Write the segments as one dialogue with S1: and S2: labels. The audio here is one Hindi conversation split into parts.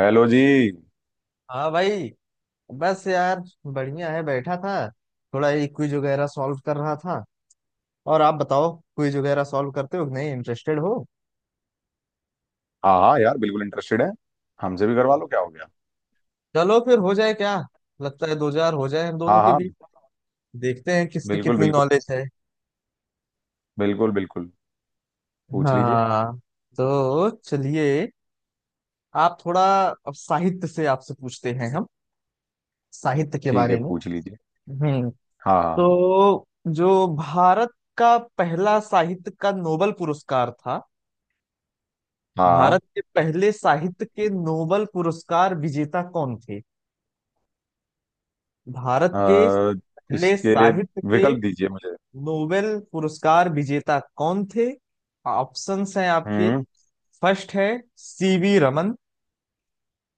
S1: हेलो जी।
S2: हाँ भाई। बस यार, बढ़िया है, बैठा था। थोड़ा ये क्विज वगैरह सॉल्व कर रहा था। और आप बताओ, क्विज वगैरह सॉल्व करते हो कि नहीं, इंटरेस्टेड हो?
S1: हाँ हाँ यार, बिल्कुल इंटरेस्टेड है। हमसे भी करवा लो, क्या हो गया।
S2: चलो फिर हो जाए क्या। लगता है 2000 हो जाए हम दोनों
S1: हाँ
S2: के
S1: हाँ।
S2: बीच। देखते हैं किसकी
S1: बिल्कुल
S2: कितनी
S1: बिल्कुल।
S2: नॉलेज है।
S1: बिल्कुल बिल्कुल। पूछ लीजिए।
S2: हाँ, तो चलिए। आप थोड़ा अब साहित्य से आपसे पूछते हैं हम, साहित्य के
S1: ठीक है,
S2: बारे में।
S1: पूछ लीजिए।
S2: हम्म।
S1: हाँ हाँ
S2: तो जो भारत का पहला साहित्य का नोबल पुरस्कार था,
S1: हाँ।
S2: भारत के पहले साहित्य के नोबेल पुरस्कार विजेता कौन थे? भारत के
S1: हाँ,
S2: पहले
S1: इसके
S2: साहित्य के
S1: विकल्प दीजिए मुझे।
S2: नोबेल पुरस्कार विजेता कौन थे? ऑप्शंस हैं आपके।
S1: हम्म।
S2: फर्स्ट है सीवी रमन।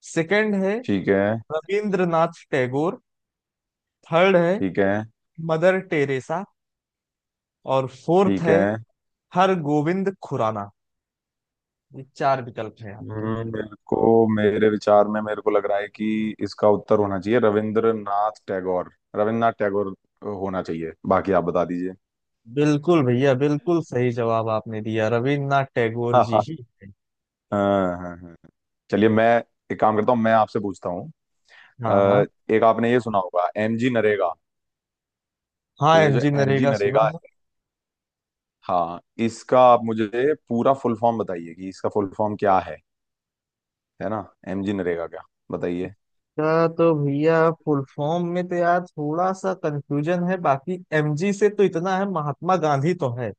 S2: सेकंड है
S1: ठीक है।
S2: रविंद्रनाथ टैगोर। थर्ड है
S1: ठीक है।
S2: Mother Teresa. और फोर्थ
S1: ठीक
S2: है
S1: है।
S2: हर गोविंद खुराना। ये चार विकल्प हैं आपके।
S1: मेरे को, मेरे विचार में, मेरे को लग रहा है कि इसका उत्तर होना चाहिए रविंद्रनाथ टैगोर। रविंद्रनाथ टैगोर होना चाहिए, बाकी आप बता दीजिए।
S2: बिल्कुल भैया, बिल्कुल सही जवाब आपने दिया, रविन्द्रनाथ टैगोर
S1: हाँ
S2: जी
S1: हाँ।
S2: ही थे।
S1: हाँ हाँ हाँ। चलिए, मैं एक काम करता हूँ, मैं आपसे पूछता हूँ।
S2: हाँ, हाँ।
S1: अ, एक आपने ये सुना होगा, एमजी नरेगा।
S2: हाँ,
S1: तो ये जो
S2: एमजी
S1: एमजी
S2: नरेगा सुना
S1: नरेगा
S2: है।
S1: है, हाँ, इसका आप मुझे पूरा फुल फॉर्म बताइए कि इसका फुल फॉर्म क्या है ना। एमजी नरेगा क्या, बताइए।
S2: का तो भैया फुल फॉर्म में तो यार थोड़ा सा कंफ्यूजन है, बाकी एमजी से तो इतना है, महात्मा गांधी तो है।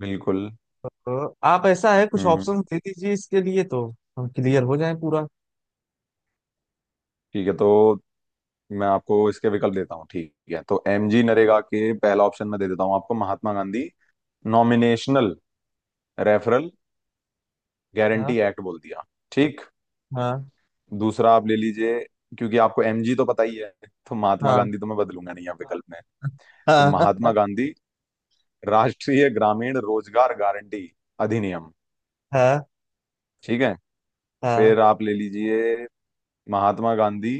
S1: बिल्कुल।
S2: तो आप ऐसा है कुछ
S1: हम्म हम्म,
S2: ऑप्शन दे दीजिए इसके लिए, तो हम क्लियर हो जाए पूरा।
S1: ठीक है तो मैं आपको इसके विकल्प देता हूँ। ठीक है तो एमजी नरेगा के पहला ऑप्शन मैं दे देता हूँ आपको, महात्मा गांधी नॉमिनेशनल रेफरल
S2: हाँ।
S1: गारंटी एक्ट बोल दिया। ठीक।
S2: हाँ।
S1: दूसरा आप ले लीजिए, क्योंकि आपको एमजी तो पता ही है, तो महात्मा
S2: हाँ।
S1: गांधी तो मैं बदलूंगा नहीं यहाँ विकल्प में। तो
S2: हाँ। हाँ।
S1: महात्मा गांधी राष्ट्रीय ग्रामीण रोजगार गारंटी अधिनियम।
S2: हाँ।
S1: ठीक है,
S2: हाँ।
S1: फिर आप ले लीजिए महात्मा गांधी।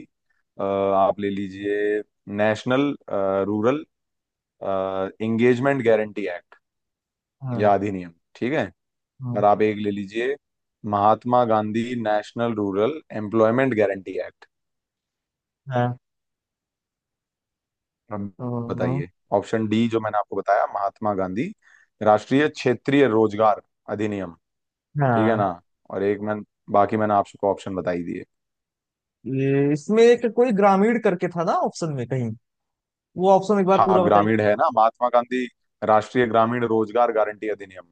S1: आप ले लीजिए national rural engagement guarantee act या
S2: हाँ।
S1: अधिनियम। ठीक है, और आप एक ले लीजिए Mahatma Gandhi national rural employment guarantee act.
S2: हाँ।
S1: अब
S2: हाँ,
S1: बताइए ऑप्शन डी जो मैंने आपको बताया, महात्मा गांधी राष्ट्रीय क्षेत्रीय रोजगार अधिनियम। ठीक है
S2: हाँ।
S1: ना। और एक मैं, बाकी मैंने आपको ऑप्शन बताई दिए।
S2: ये इसमें एक कोई ग्रामीण करके था ना ऑप्शन में कहीं, वो ऑप्शन एक बार पूरा
S1: हाँ
S2: बताइए।
S1: ग्रामीण है ना, महात्मा गांधी राष्ट्रीय ग्रामीण रोजगार गारंटी अधिनियम।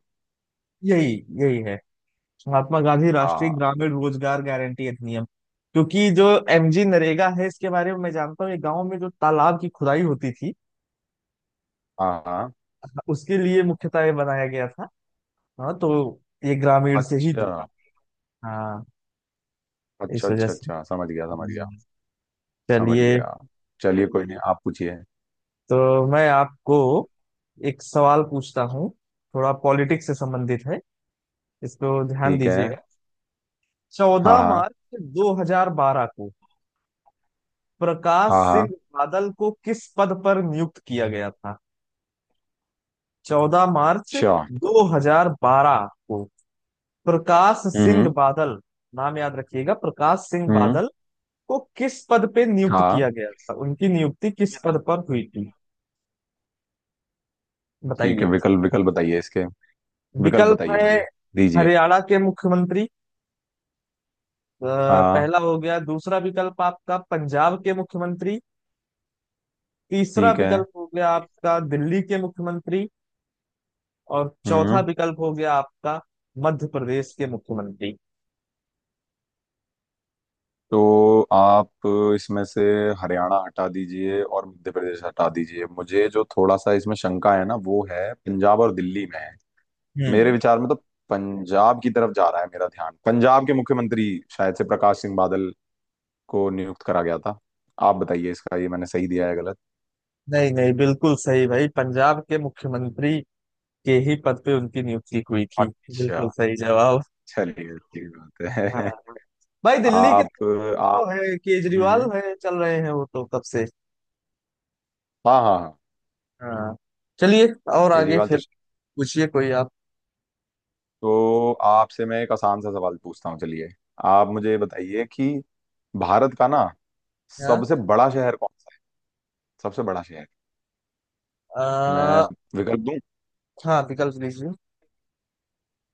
S2: यही, यही है, महात्मा गांधी राष्ट्रीय
S1: हाँ
S2: ग्रामीण रोजगार गारंटी अधिनियम। क्योंकि जो एमजी नरेगा है इसके बारे में मैं जानता हूँ, ये गांव में जो तालाब की खुदाई होती थी,
S1: हाँ हाँ।
S2: उसके लिए मुख्यतः ये बनाया गया था। हाँ, तो ये ग्रामीण से ही
S1: अच्छा
S2: जुड़ा। हाँ,
S1: अच्छा
S2: इस वजह
S1: अच्छा
S2: से।
S1: अच्छा, समझ गया समझ गया।
S2: हम्म।
S1: समझ
S2: चलिए,
S1: गया। चलिए कोई नहीं, आप पूछिए।
S2: तो मैं आपको एक सवाल पूछता हूँ, थोड़ा पॉलिटिक्स से संबंधित है, इसको ध्यान
S1: ठीक है।
S2: दीजिएगा।
S1: हाँ
S2: 14
S1: हाँ।
S2: मार्च 2012 को प्रकाश
S1: हाँ
S2: सिंह
S1: हाँ।
S2: बादल को किस पद पर नियुक्त किया गया था? 14 मार्च
S1: अच्छा। हम्म।
S2: 2012 को प्रकाश सिंह
S1: हम्म
S2: बादल, नाम याद रखिएगा, प्रकाश सिंह
S1: हम्म,
S2: बादल को किस पद पे नियुक्त
S1: हाँ।
S2: किया गया था, उनकी नियुक्ति किस पद पर हुई थी?
S1: ठीक है,
S2: बताइए।
S1: विकल्प विकल्प बताइए इसके। विकल्प
S2: विकल्प
S1: बताइए
S2: है
S1: मुझे। दीजिए।
S2: हरियाणा के मुख्यमंत्री, अ,
S1: हाँ।
S2: पहला हो गया। दूसरा विकल्प आपका पंजाब के मुख्यमंत्री। तीसरा
S1: ठीक है।
S2: विकल्प हो गया आपका दिल्ली के मुख्यमंत्री। और चौथा
S1: हम्म।
S2: विकल्प हो गया आपका मध्य प्रदेश के मुख्यमंत्री।
S1: तो आप इसमें से हरियाणा हटा दीजिए और मध्य प्रदेश हटा दीजिए। मुझे जो थोड़ा सा इसमें शंका है ना, वो है पंजाब और दिल्ली में है। मेरे
S2: हम्म।
S1: विचार में तो पंजाब की तरफ जा रहा है मेरा ध्यान, पंजाब के मुख्यमंत्री शायद से प्रकाश सिंह बादल को नियुक्त करा गया था। आप बताइए इसका, ये मैंने सही दिया है गलत।
S2: नहीं नहीं, बिल्कुल सही भाई, पंजाब के मुख्यमंत्री के ही पद पे उनकी नियुक्ति हुई थी।
S1: अच्छा।
S2: बिल्कुल सही जवाब।
S1: चलिए, अच्छी बात है।
S2: हाँ भाई, दिल्ली के
S1: आप
S2: तो वो
S1: आप।
S2: है
S1: हम्म हम्म,
S2: केजरीवाल है, चल रहे हैं वो तो कब से।
S1: हाँ हाँ हाँ।
S2: हाँ, चलिए। और आगे
S1: केजरीवाल,
S2: फिर
S1: चलिए।
S2: पूछिए कोई आप।
S1: तो आपसे मैं एक आसान सा सवाल पूछता हूँ, चलिए। आप मुझे बताइए कि भारत का ना
S2: हाँ।
S1: सबसे बड़ा शहर कौन सा है? सबसे बड़ा शहर। मैं
S2: आ,
S1: विकल्प दूं।
S2: हाँ, विकल्प दीजिए।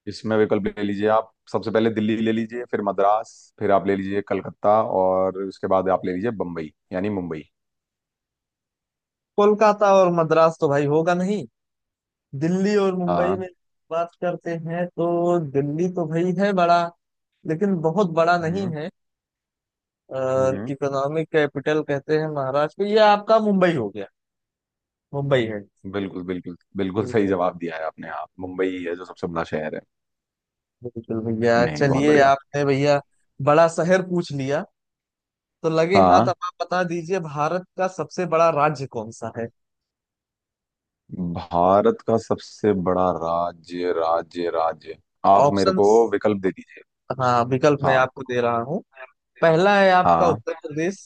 S1: इसमें विकल्प ले लीजिए आप, सबसे पहले दिल्ली ले लीजिए, फिर मद्रास, फिर आप ले लीजिए कलकत्ता, और उसके बाद आप ले लीजिए बम्बई यानी मुंबई।
S2: कोलकाता और मद्रास तो भाई होगा नहीं, दिल्ली और मुंबई
S1: हाँ।
S2: में बात करते हैं। तो दिल्ली तो भाई है बड़ा, लेकिन बहुत बड़ा नहीं
S1: हम्म
S2: है।
S1: हम्म।
S2: इकोनॉमिक कैपिटल कहते हैं महाराष्ट्र को, ये आपका मुंबई हो गया। मुंबई है।
S1: बिल्कुल बिल्कुल बिल्कुल सही
S2: बिल्कुल
S1: जवाब दिया है आपने, हाँ मुंबई ही है जो सबसे बड़ा शहर है।
S2: बिल्कुल
S1: नहीं
S2: भैया।
S1: नहीं, बहुत
S2: चलिए
S1: बढ़िया।
S2: आपने भैया बड़ा शहर पूछ लिया, तो लगे हाथ
S1: हाँ।
S2: अब आप बता दीजिए भारत का सबसे बड़ा राज्य कौन सा है।
S1: भारत का सबसे बड़ा राज्य। राज्य राज्य। आप मेरे को
S2: ऑप्शंस।
S1: विकल्प दे दीजिए।
S2: हाँ, विकल्प मैं
S1: हाँ।
S2: आपको दे रहा हूँ। पहला है आपका
S1: हाँ।
S2: उत्तर प्रदेश।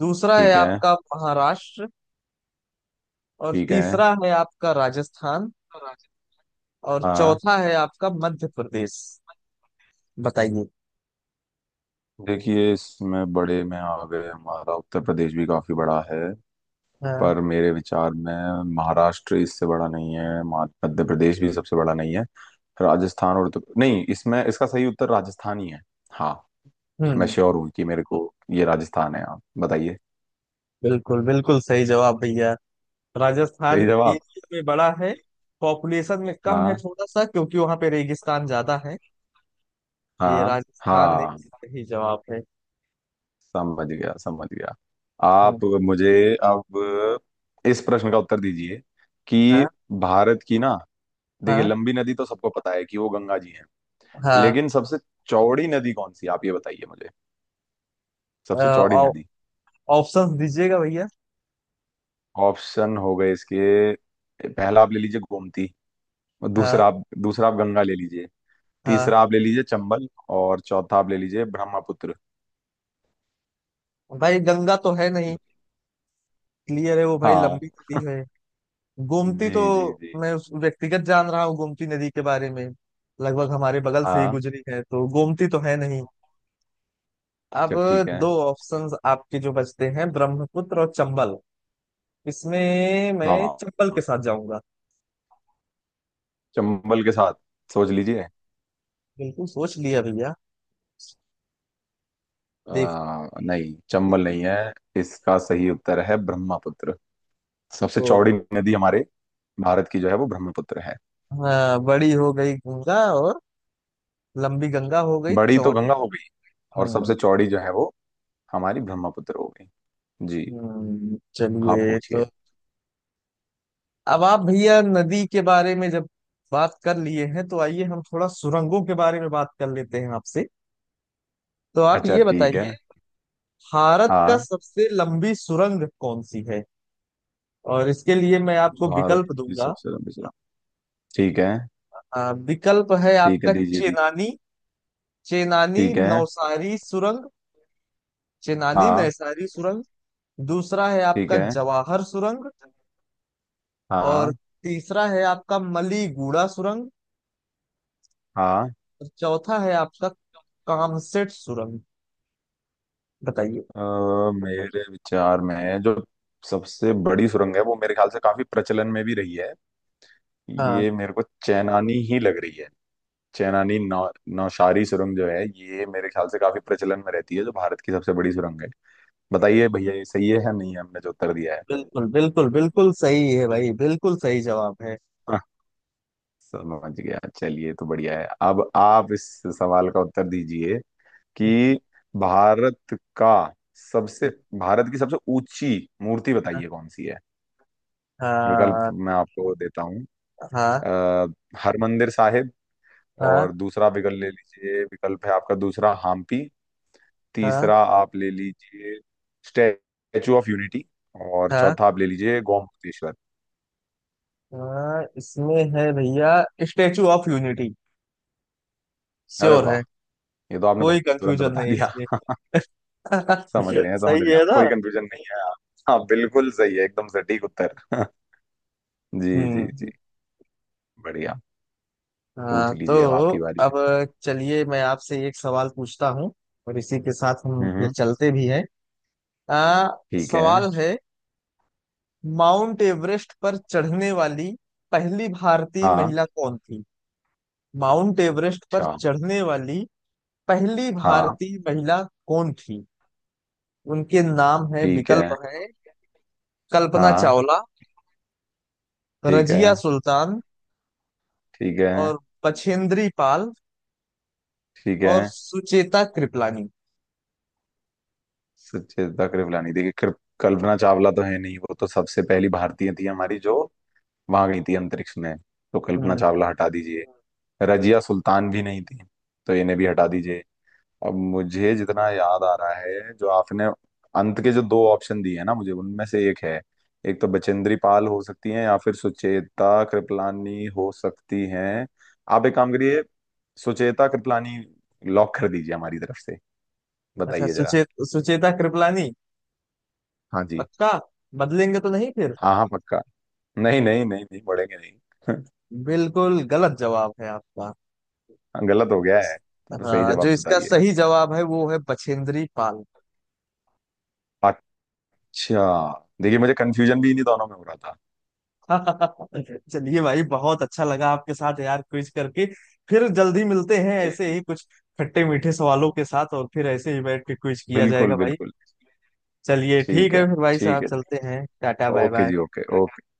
S2: दूसरा है
S1: ठीक है।
S2: आपका महाराष्ट्र। और
S1: ठीक है।
S2: तीसरा है आपका राजस्थान।
S1: राज्य।
S2: और
S1: हाँ।
S2: चौथा है आपका मध्य प्रदेश। बताइए।
S1: देखिए, इसमें बड़े में आ गए, हमारा उत्तर प्रदेश भी काफी बड़ा है,
S2: हाँ।
S1: पर मेरे विचार में महाराष्ट्र इससे बड़ा नहीं है, मध्य प्रदेश भी सबसे बड़ा नहीं है। राजस्थान और उत्तर, नहीं, इसमें इसका सही उत्तर राजस्थान ही है। हाँ, मैं
S2: हम्म।
S1: श्योर हूँ कि मेरे को ये राजस्थान है। आप बताइए।
S2: बिल्कुल बिल्कुल सही जवाब भैया। राजस्थान
S1: सही जवाब।
S2: एशिया में बड़ा है। पॉपुलेशन में कम है
S1: हाँ
S2: थोड़ा सा, क्योंकि वहां पे रेगिस्तान ज्यादा है। ये
S1: हाँ
S2: राजस्थान एक
S1: हाँ।
S2: सही जवाब है।
S1: समझ गया समझ गया।
S2: हम्म।
S1: आप मुझे अब इस प्रश्न का उत्तर दीजिए, कि
S2: हाँ।
S1: भारत की ना, देखिए
S2: हाँ।
S1: लंबी नदी तो सबको पता है कि वो गंगा जी हैं,
S2: हाँ।
S1: लेकिन सबसे चौड़ी नदी कौन सी है? आप ये बताइए मुझे। सबसे चौड़ी नदी।
S2: ऑप्शंस दीजिएगा भैया।
S1: ऑप्शन हो गए इसके, पहला आप ले लीजिए गोमती, और
S2: हाँ।
S1: दूसरा आप गंगा ले लीजिए, तीसरा
S2: हाँ,
S1: आप ले लीजिए चंबल, और चौथा आप ले लीजिए ब्रह्मपुत्र।
S2: भाई गंगा तो है नहीं, क्लियर है, वो भाई
S1: हाँ।
S2: लंबी नदी है। गोमती
S1: जी
S2: तो
S1: जी जी।
S2: मैं उस व्यक्तिगत जान रहा हूँ गोमती नदी के बारे में, लगभग हमारे बगल से ही
S1: हाँ।
S2: गुजरी है, तो गोमती तो है नहीं। अब
S1: अच्छा ठीक है।
S2: दो ऑप्शंस आपके जो बचते हैं ब्रह्मपुत्र और चंबल, इसमें
S1: हाँ
S2: मैं
S1: हाँ,
S2: चंबल
S1: हाँ।
S2: के साथ जाऊंगा।
S1: चंबल के साथ सोच लीजिए।
S2: बिल्कुल सोच लिया भैया, देख।
S1: नहीं, चंबल नहीं है। इसका सही उत्तर है ब्रह्मपुत्र। सबसे चौड़ी
S2: तो
S1: नदी हमारे भारत की जो है वो ब्रह्मपुत्र है।
S2: हाँ, बड़ी हो गई गंगा, और लंबी गंगा हो गई
S1: बड़ी तो
S2: चौड़ी।
S1: गंगा हो गई, और
S2: हम्म।
S1: सबसे चौड़ी जो है वो हमारी ब्रह्मपुत्र हो गई। जी। आप
S2: चलिए।
S1: पूछिए।
S2: तो अब आप भैया नदी के बारे में जब बात कर लिए हैं, तो आइए हम थोड़ा सुरंगों के बारे में बात कर लेते हैं आपसे। तो आप
S1: अच्छा
S2: ये
S1: ठीक है।
S2: बताइए, भारत का
S1: हाँ,
S2: सबसे लंबी सुरंग कौन सी है, और इसके लिए मैं आपको
S1: भारत
S2: विकल्प
S1: की
S2: दूंगा।
S1: सबसे लंबी सुरंग। ठीक है।
S2: विकल्प है
S1: ठीक है,
S2: आपका
S1: दीजिए दीजिए।
S2: चेनानी, चेनानी
S1: ठीक है।
S2: नौसारी सुरंग, चेनानी
S1: हाँ।
S2: नैसारी सुरंग। दूसरा है
S1: ठीक
S2: आपका
S1: है।
S2: जवाहर सुरंग। और
S1: हाँ।
S2: तीसरा है आपका मलीगुड़ा सुरंग।
S1: हाँ।
S2: और चौथा है आपका कामसेट सुरंग। बताइए।
S1: अ, मेरे विचार में जो सबसे बड़ी सुरंग है वो मेरे ख्याल से काफी प्रचलन में भी रही है।
S2: हाँ,
S1: ये मेरे को चेनानी ही लग रही है। चेनानी नौ नौशारी सुरंग जो है ये मेरे ख्याल से काफी प्रचलन में रहती है, जो भारत की सबसे बड़ी सुरंग है। बताइए भैया ये सही है या नहीं है हमने जो उत्तर दिया है।
S2: बिल्कुल बिल्कुल बिल्कुल सही है भाई, बिल्कुल सही जवाब है।
S1: हाँ, समझ गया। चलिए तो बढ़िया है। अब आप इस सवाल का उत्तर दीजिए कि भारत का सबसे भारत की सबसे ऊंची मूर्ति बताइए कौन सी है। विकल्प
S2: हाँ।
S1: मैं आपको देता हूँ।
S2: हाँ।
S1: अः हरमंदिर साहिब।
S2: हाँ।
S1: और दूसरा विकल्प ले लीजिए, विकल्प है आपका दूसरा हम्पी।
S2: हाँ।
S1: तीसरा आप ले लीजिए स्टैचू ऑफ यूनिटी। और
S2: हाँ।
S1: चौथा आप ले लीजिए गोमतेश्वर।
S2: हाँ, इसमें है भैया, स्टेचू ऑफ यूनिटी,
S1: अरे
S2: श्योर
S1: वाह,
S2: है।
S1: ये तो आपने
S2: कोई
S1: बहुत तुरंत
S2: कंफ्यूजन
S1: बता
S2: नहीं
S1: दिया।
S2: इसमें।
S1: समझ रहे हैं समझ
S2: सही
S1: रहे हैं,
S2: है ना?
S1: कोई कंफ्यूजन नहीं है आप। हाँ बिल्कुल सही है, एकदम सटीक उत्तर। जी जी जी।
S2: हम्म।
S1: बढ़िया। पूछ
S2: हाँ,
S1: लीजिए, अब
S2: तो
S1: आपकी बारी
S2: अब
S1: है।
S2: चलिए मैं आपसे एक सवाल पूछता हूँ, और इसी के साथ हम
S1: हम्म
S2: फिर
S1: हम्म,
S2: चलते भी हैं। आ,
S1: ठीक है।
S2: सवाल है, माउंट एवरेस्ट पर चढ़ने वाली पहली भारतीय
S1: हाँ।
S2: महिला कौन थी? माउंट एवरेस्ट पर
S1: अच्छा।
S2: चढ़ने वाली पहली
S1: हाँ।
S2: भारतीय महिला कौन थी? उनके नाम है,
S1: ठीक है।
S2: विकल्प है कल्पना
S1: हाँ।
S2: चावला,
S1: ठीक
S2: रजिया
S1: है।
S2: सुल्तान,
S1: ठीक है।
S2: और बछेंद्री पाल,
S1: ठीक है।
S2: और सुचेता कृपलानी।
S1: सचेता कृपलानी, देखिए, कल्पना चावला तो है नहीं, वो तो सबसे पहली भारतीय थी हमारी जो वहां गई थी अंतरिक्ष में, तो कल्पना
S2: हम्म।
S1: चावला हटा दीजिए। रजिया सुल्तान भी नहीं थी तो इन्हें भी हटा दीजिए। अब मुझे जितना याद आ रहा है, जो आपने अंत के जो दो ऑप्शन दिए हैं ना, मुझे उनमें से एक है। एक तो बचेंद्री पाल हो सकती हैं या फिर सुचेता कृपलानी हो सकती हैं। आप एक काम करिए, सुचेता कृपलानी लॉक कर दीजिए हमारी तरफ से।
S2: अच्छा,
S1: बताइए जरा।
S2: सुचेता कृपलानी?
S1: हाँ जी।
S2: पक्का? बदलेंगे तो नहीं फिर?
S1: हाँ हाँ, पक्का। नहीं नहीं नहीं नहीं, बढ़ेंगे नहीं।
S2: बिल्कुल गलत जवाब है आपका।
S1: गलत हो गया है तो सही
S2: हाँ, जो
S1: जवाब
S2: इसका
S1: बताइए।
S2: सही जवाब है वो है बछेंद्री पाल।
S1: अच्छा, देखिए, मुझे कंफ्यूजन भी इन्हीं दोनों में हो रहा था।
S2: चलिए भाई, बहुत अच्छा लगा आपके साथ यार क्विज करके। फिर जल्दी मिलते हैं
S1: जी
S2: ऐसे
S1: जी।
S2: ही कुछ खट्टे मीठे सवालों के साथ, और फिर ऐसे ही बैठ के क्विज किया
S1: बिल्कुल
S2: जाएगा भाई।
S1: बिल्कुल।
S2: चलिए ठीक
S1: ठीक है।
S2: है, फिर भाई
S1: ठीक
S2: साहब
S1: है
S2: चलते
S1: जी।
S2: हैं, टाटा बाय
S1: ओके
S2: बाय।
S1: जी। Okay okay.